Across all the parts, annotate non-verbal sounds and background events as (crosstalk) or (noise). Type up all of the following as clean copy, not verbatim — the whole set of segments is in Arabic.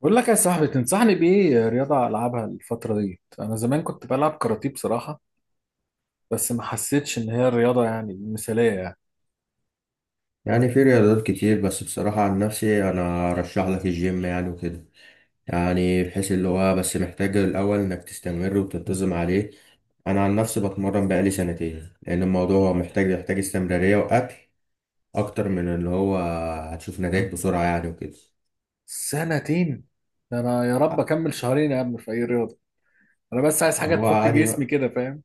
بقول لك يا صاحبي، تنصحني بإيه رياضة ألعبها الفترة دي؟ أنا زمان كنت بلعب كاراتيه بصراحة، بس ما حسيتش إن هي الرياضة يعني المثالية يعني. يعني في رياضات كتير، بس بصراحة عن نفسي أنا أرشح لك الجيم يعني وكده. يعني بحيث اللي هو بس محتاج الأول إنك تستمر وتنتظم عليه. أنا عن نفسي بتمرن بقالي سنتين لأن الموضوع هو محتاج يحتاج استمرارية وأكل أكتر من اللي هو. هتشوف نتائج بسرعة يعني وكده. سنتين؟ ده أنا يا رب أكمل شهرين يا عم في أي رياضة. أنا بس عايز حاجة هو تفك عادي جسمي بقى. كده، فاهم؟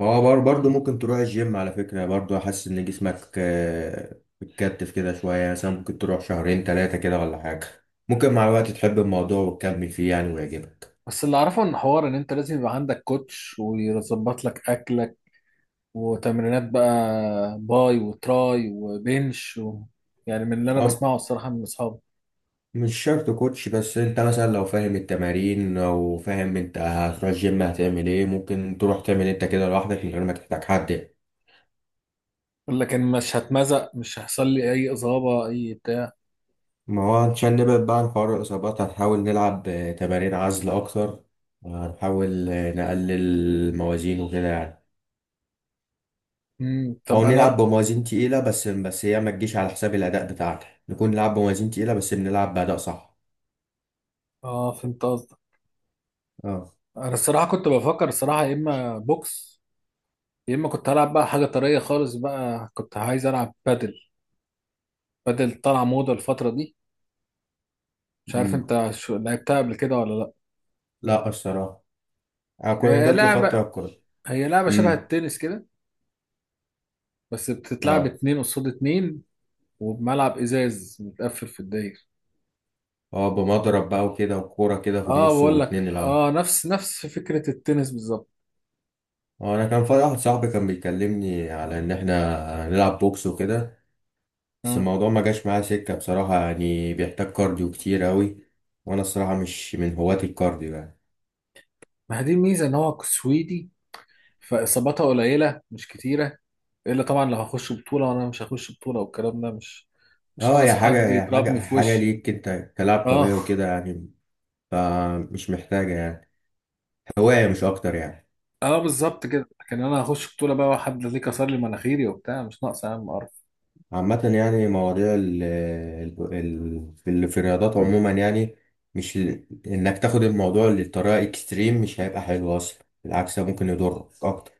برضه ممكن تروح الجيم على فكرة، برضه حاسس إن جسمك بتكتف كده شوية، يعني مثلا ممكن تروح شهرين تلاتة كده ولا حاجة. ممكن مع الوقت تحب الموضوع وتكمل فيه يعني ويعجبك. بس اللي أعرفه إن حوار إن أنت لازم يبقى عندك كوتش ويظبط لك أكلك وتمرينات بقى باي وتراي وبنش يعني من اللي أنا أم بسمعه الصراحة من أصحابي. مش شرط كوتش، بس انت مثلا لو فاهم التمارين او فاهم انت هتروح الجيم هتعمل ايه، ممكن تروح تعمل انت كده لوحدك من غير ما تحتاج حد. لكن مش هتمزق، مش هيحصل لي أي إصابة أي بتاع؟ ما هو عشان نبعد بقى عن حوار الاصابات، هنحاول نلعب تمارين عزل اكتر. هنحاول نقلل الموازين وكده يعني. مم. او طب نلعب انا، بموازين تقيلة، بس هي ما تجيش على حساب الاداء بتاعتك، نكون نلعب بموازين تقيلة بس بنلعب باداء صح. اه فهمت قصدك. اه. انا الصراحه كنت بفكر الصراحه، يا اما بوكس يا اما كنت هلعب بقى حاجه طريه خالص، بقى كنت عايز العب بادل. بادل طالعه موضه الفتره دي. مش عارف امم انت شو لعبتها قبل كده ولا لا؟ لا الصراحة، انا كنت هي جات لي لعبه فترة كنت. هي لعبه شبه امم التنس كده، بس بتتلعب اه. اتنين قصاد اتنين، وبملعب ازاز متقفل في الداير. اه بمضرب بقى وكده، وكورة كده في اه، النص بقول لك، واتنين يلعبوا. نفس فكره التنس بالظبط. اه، انا كان في واحد صاحبي كان بيكلمني على ان احنا نلعب بوكس وكده، بس آه. الموضوع ما جاش معايا سكة بصراحة، يعني بيحتاج كارديو كتير قوي. وانا الصراحة مش من هواة الكارديو يعني. ما هي دي الميزه، ان هو سويدي، فاصاباتها قليله مش كتيره. الا طبعا لو هخش بطوله، وانا مش هخش بطوله، والكلام ده مش اه ناقص هي حاجة، حد هي يضربني حاجة في حاجة وشي. ليك انت كلاعب اه، طبيعي وكده يعني. فمش محتاجة يعني، هواية مش اكتر يعني. اه، بالظبط كده. لكن انا هخش بطوله بقى، وحد ليه كسر لي مناخيري وبتاع؟ مش ناقص يا عم قرف. عامة يعني مواضيع في الرياضات عموما يعني، مش ال- انك تاخد الموضوع للطريقة اكستريم مش هيبقى حلو اصلا، بالعكس ده ممكن يضرك اكتر.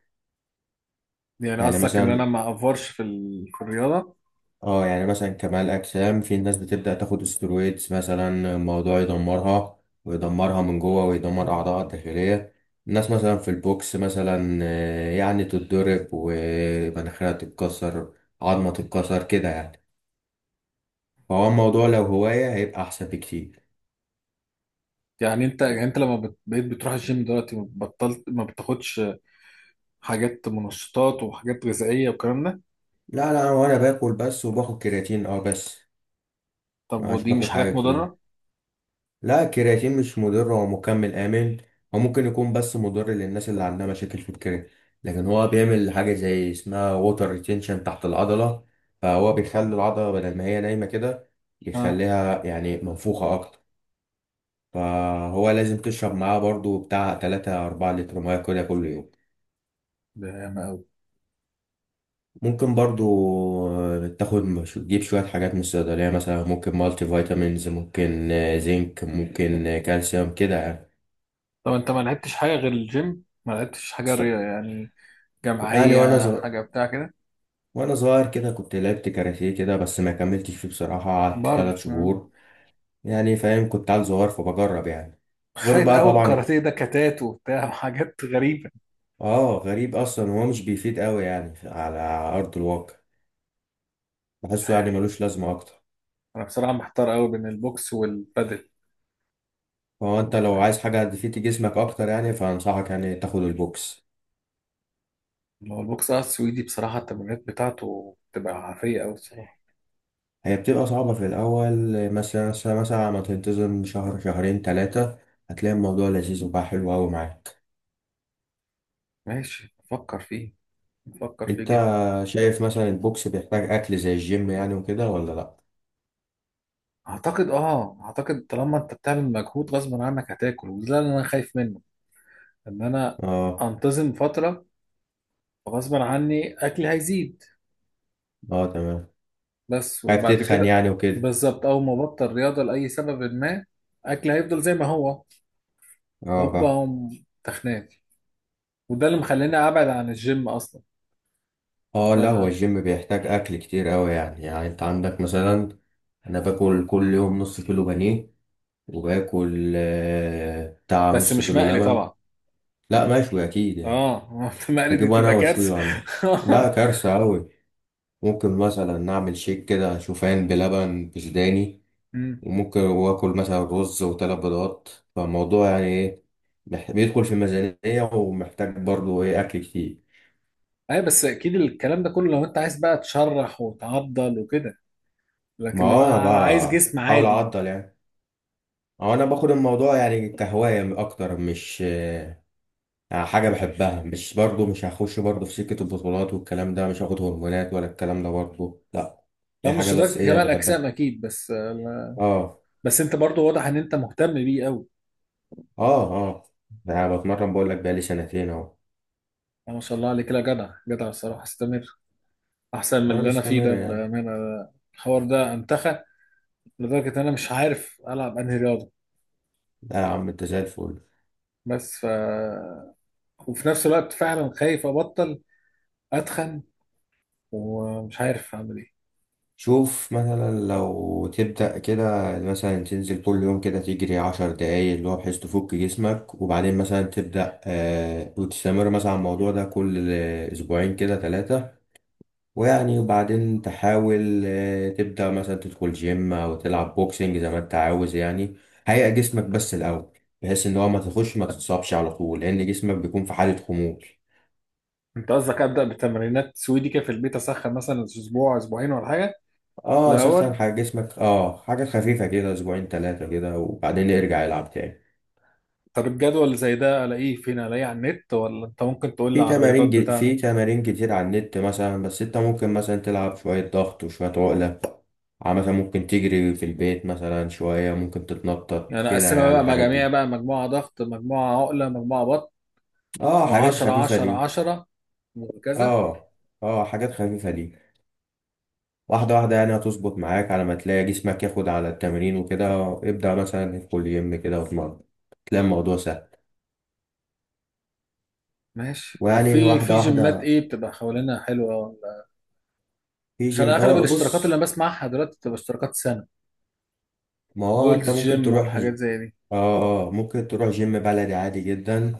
يعني يعني قصدك ان انا مثلا، ما افورش في الرياضه؟ اه يعني مثلا كمال اجسام، في ناس بتبدأ تاخد استرويدز مثلا، الموضوع يدمرها ويدمرها من جوه ويدمر اعضائها الداخلية. الناس مثلا في البوكس مثلا، يعني تتضرب ومناخيرها تتكسر، عظمة تتكسر كده يعني. فهو الموضوع لو هواية هيبقى أحسن بكتير. يعني انت لما بقيت بتروح الجيم دلوقتي، ما بطلت، ما بتاخدش حاجات منشطات وحاجات غذائيه والكلام ده؟ لا هو انا باكل بس، وباخد كرياتين اه بس. طب مش ودي مش باخد حاجه حاجات كتير. مضره؟ لا الكرياتين مش مضر، هو مكمل امن. هو ممكن يكون بس مضر للناس اللي عندها مشاكل في الكرياتين، لكن هو بيعمل حاجه زي اسمها ووتر ريتينشن تحت العضله، فهو بيخلي العضله بدل ما هي نايمه كده، اه، يخليها يعني منفوخه اكتر. فهو لازم تشرب معاه برضو بتاع 3 4 لتر ميه كده كل يوم. ده ياما قوي. ممكن برضو تاخد تجيب شوية حاجات من الصيدلية، مثلا ممكن مالتي فيتامينز، ممكن زنك، ممكن كالسيوم كده يعني. طب انت ما لعبتش حاجه غير الجيم؟ ما لعبتش حاجه بس- رياضه يعني يعني وانا جماعية، صغير، حاجة بتاع كده؟ وانا صغير كده كنت لعبت كاراتيه كده، بس ما كملتش فيه بصراحة، قعدت برضه ثلاث مم. شهور يعني. فاهم، كنت عيل صغير فبجرب يعني. غير خايف بقى قوي طبعا. الكاراتيه ده كتات وبتاع (laughs) وحاجات غريبة. اه غريب اصلا، هو مش بيفيد قوي يعني على ارض الواقع. مش بحسه يعني عارف. ملوش لازمة اكتر. أنا بصراحة محتار قوي بين البوكس والبادل. فهو انت مش لو عارف. عايز حاجة تفيد جسمك اكتر يعني، فانصحك يعني تاخد البوكس. هو البوكس، السويدي، بصراحة التمرينات بتاعته بتبقى عافية قوي الصراحة. هي بتبقى صعبة في الأول، مثلا ما تنتظم شهر شهرين تلاتة هتلاقي الموضوع لذيذ وبقى حلو أوي معاك. ماشي، بفكر فيه، بفكر فيه أنت جدا. شايف مثلا البوكس بيحتاج أكل زي الجيم يعني وكده ولا لأ؟ أعتقد طالما أنت بتعمل مجهود غصب عنك هتاكل، وده اللي أنا خايف منه، إن أنا اه. أنتظم فترة، غصب عني أكلي هيزيد. اه تمام. بس خايف وبعد تتخن كده، يعني وكده. بالظبط اول ما بطل رياضه لاي سبب ما، اكل هيفضل زي ما هو. اه هوبا فاهم. هم تخنات. وده اللي مخليني ابعد عن الجيم اصلا. اه ف... لا هو الجيم بيحتاج أكل كتير أوي، يعني يعني أنت عندك مثلا، أنا باكل كل يوم نص كيلو بانيه، وباكل بتاع بس نص مش كيلو مقلي لبن. طبعا. لا مشوي أكيد يعني. اه، (laughs) مقلي دي بجيبه أنا تبقى وأشويه كارثه. وأعمل. لا (laughs) كارثة أوي. ممكن مثلا نعمل شيك كده شوفان بلبن بسوداني، أمم. وممكن واكل مثلا رز وثلاث بيضات. فالموضوع يعني ايه، بيدخل في الميزانية ومحتاج برضو ايه اكل كتير. ايوه، بس اكيد الكلام ده كله لو انت عايز بقى تشرح وتعضل وكده. ما لكن هو لو انا انا عايز بقى جسم حاول عادي، اعدل يعني. هو انا باخد الموضوع يعني كهواية اكتر مش يعني، حاجة بحبها، مش برضو مش هخش برضو في سكة البطولات والكلام ده، مش هاخد هرمونات ولا الكلام ده برضو لا. ده دي حاجة مش بس لدرجه ايه كمال اجسام بحبها. اكيد، بس. اه. بس انت برضو واضح ان انت مهتم بيه قوي. اه. اه يعني بتمرن بقول لك بقالي سنتين اهو، ما شاء الله عليك، لا، جدع جدع الصراحه، استمر. احسن من ولا اللي انا فيه مستمرة ده، يعني. بامانه. الحوار ده انتخى، لدرجه ان انا مش عارف العب انهي رياضه. لا يا عم انت زي الفل. بس وفي نفس الوقت فعلا خايف ابطل، اتخن، ومش عارف اعمل ايه. شوف مثلا لو تبدأ كده، مثلا تنزل كل يوم كده تجري عشر دقايق، اللي هو بحيث تفك جسمك، وبعدين مثلا تبدأ آه وتستمر مثلا على الموضوع ده كل أسبوعين كده ثلاثة. ويعني وبعدين تحاول آه تبدأ مثلا تدخل جيم أو تلعب بوكسنج زي ما انت عاوز يعني. هيئ جسمك بس الأول، بحيث إن هو ما تخش ما تتصابش على طول، لأن جسمك بيكون في حالة خمول. انت قصدك ابدا بتمرينات سويدي كده في البيت، اسخن مثلا اسبوع اسبوعين ولا حاجه اه سخن الاول؟ حاجة جسمك، اه حاجة خفيفة كده اسبوعين ثلاثة كده، وبعدين يرجع يلعب تاني. طب الجدول اللي زي ده الاقيه فين؟ الاقيه على النت ولا انت ممكن تقول لي على الرياضات بتاعته؟ في تمارين كتير على النت مثلا، بس انت ممكن مثلا تلعب شوية ضغط وشوية عقلة، مثلا ممكن تجري في البيت مثلا شوية، ممكن تتنطط يعني كده اقسمها يعني بقى الحاجات مجاميع، دي. بقى مجموعه ضغط، مجموعه عقله، مجموعه بطن، اه حاجات و10 خفيفة 10 دي. 10 وهكذا. اه. اه حاجات خفيفة دي. واحدة واحدة يعني، هتظبط معاك على ما تلاقي جسمك ياخد على التمرين وكده، ابدأ مثلا في كل يوم كده واتمرن تلاقي الموضوع سهل. ماشي. طب ويعني في واحدة جيمات واحدة. ايه بتبقى حوالينا حلوه ولا؟ في عشان جيم اغلب اه الاشتراكات اللي بص، انا بسمعها دلوقتي بتبقى اشتراكات سنه. ما هو جولد انت ممكن جيم تروح والحاجات زي دي. اه. اه ممكن تروح جيم بلدي عادي جدا،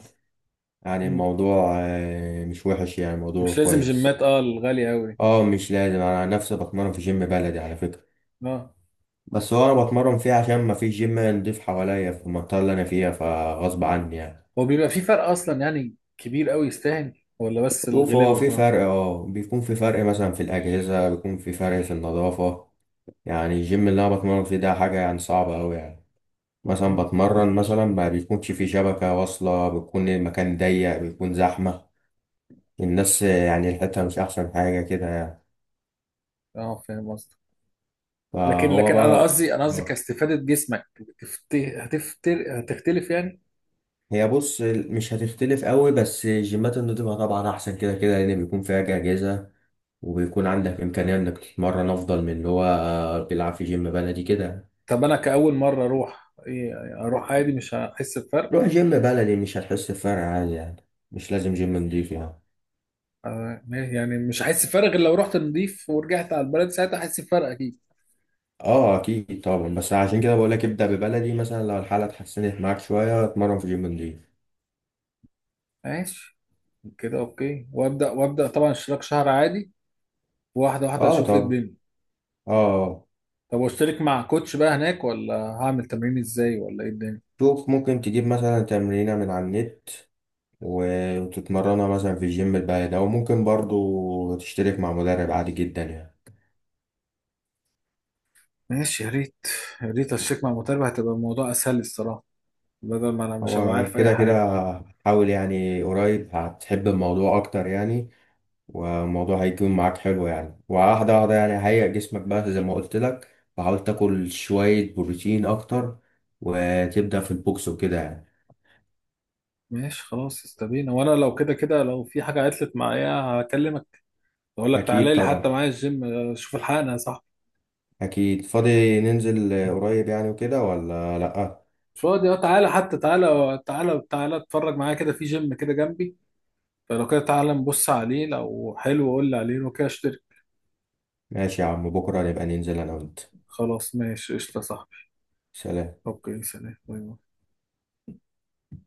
يعني مم. الموضوع مش وحش يعني مش الموضوع لازم كويس. جيمات الغاليه قوي. اه مش لازم، انا عن نفسي بتمرن في جيم بلدي على فكرة. اه، بس هو انا بتمرن فيه عشان ما فيش جيم نضيف حواليا في المنطقة اللي انا فيها، فغصب عني يعني. هو بيبقى في فرق اصلا يعني كبير قوي يستاهل ولا بس شوف الغلاوه هو في وخلاص؟ فرق، اه بيكون في فرق مثلا في الأجهزة، بيكون في فرق في النظافة، يعني الجيم اللي انا بتمرن فيه ده حاجة يعني صعبة اوي يعني. مثلا مم. بتمرن، مثلا ما بيكونش في شبكة واصلة، بيكون المكان ضيق، بيكون زحمة الناس، يعني الحتة مش أحسن حاجة كده يعني. اه، فاهم قصدي. لكن فهو لكن انا بقى. قصدي انا قصدي آه. كاستفاده جسمك هتفتر، هتختلف يعني؟ هي بص مش هتختلف قوي، بس الجيمات النضيفة طبعا أحسن كده كده، لأن بيكون فيها أجهزة، وبيكون عندك إمكانية إنك تتمرن أفضل من اللي هو بيلعب في جيم بلدي كده. طب انا كاول مره اروح ايه؟ اروح عادي مش هحس بفرق؟ روح جيم بلدي مش هتحس بفرق عادي يعني. مش لازم جيم نضيف يعني. آه، يعني مش هحس بفرق غير لو رحت نضيف ورجعت على البلد، ساعتها هحس بفرق اكيد. اه اكيد طبعا، بس عشان كده بقول لك ابدا ببلدي، مثلا لو الحاله اتحسنت معاك شويه اتمرن في جيم نضيف. ماشي. كده اوكي، وابدا طبعا اشتراك شهر عادي، واحده واحده اه اشوف ايه طبعا. الدنيا. اه. طب واشترك مع كوتش بقى هناك ولا هعمل تمرين ازاي ولا ايه الدنيا؟ شوف ممكن تجيب مثلا تمرينه من على النت وتتمرنها مثلا في الجيم البعيد، او ممكن برضو تشترك مع مدرب عادي جدا يعني. ماشي، يا ريت. يا ريت اشترك مع مدرب، هتبقى الموضوع اسهل لي الصراحه، بدل ما انا مش هبقى هو عارف اي كده كده، حاجه. حاول يعني قريب هتحب الموضوع اكتر يعني، والموضوع هيكون معاك حلو يعني، وواحدة واحدة يعني هيئ جسمك بقى زي ما قلت لك، وحاول تاكل شوية بروتين أكتر، وتبدأ في البوكس وكده يعني. ماشي خلاص، استبينا. وانا لو كده كده لو في حاجه عطلت معايا هكلمك، اقول لك أكيد تعالى لي طبعا. حتى معايا الجيم، شوف الحقنا يا صاحبي. أكيد فاضي، ننزل قريب يعني وكده ولا لأ؟ مش فاضي، تعالى حتى، تعالى تعالى تعالى اتفرج معايا كده في جيم كده جنبي. فلو كده تعالى نبص عليه، لو حلو قول لي عليه، لو كده اشترك. ماشي يا عم بكرة نبقى ننزل أنا وأنت. خلاص ماشي قشطة يا صاحبي. سلام. اوكي، سلام باي باي.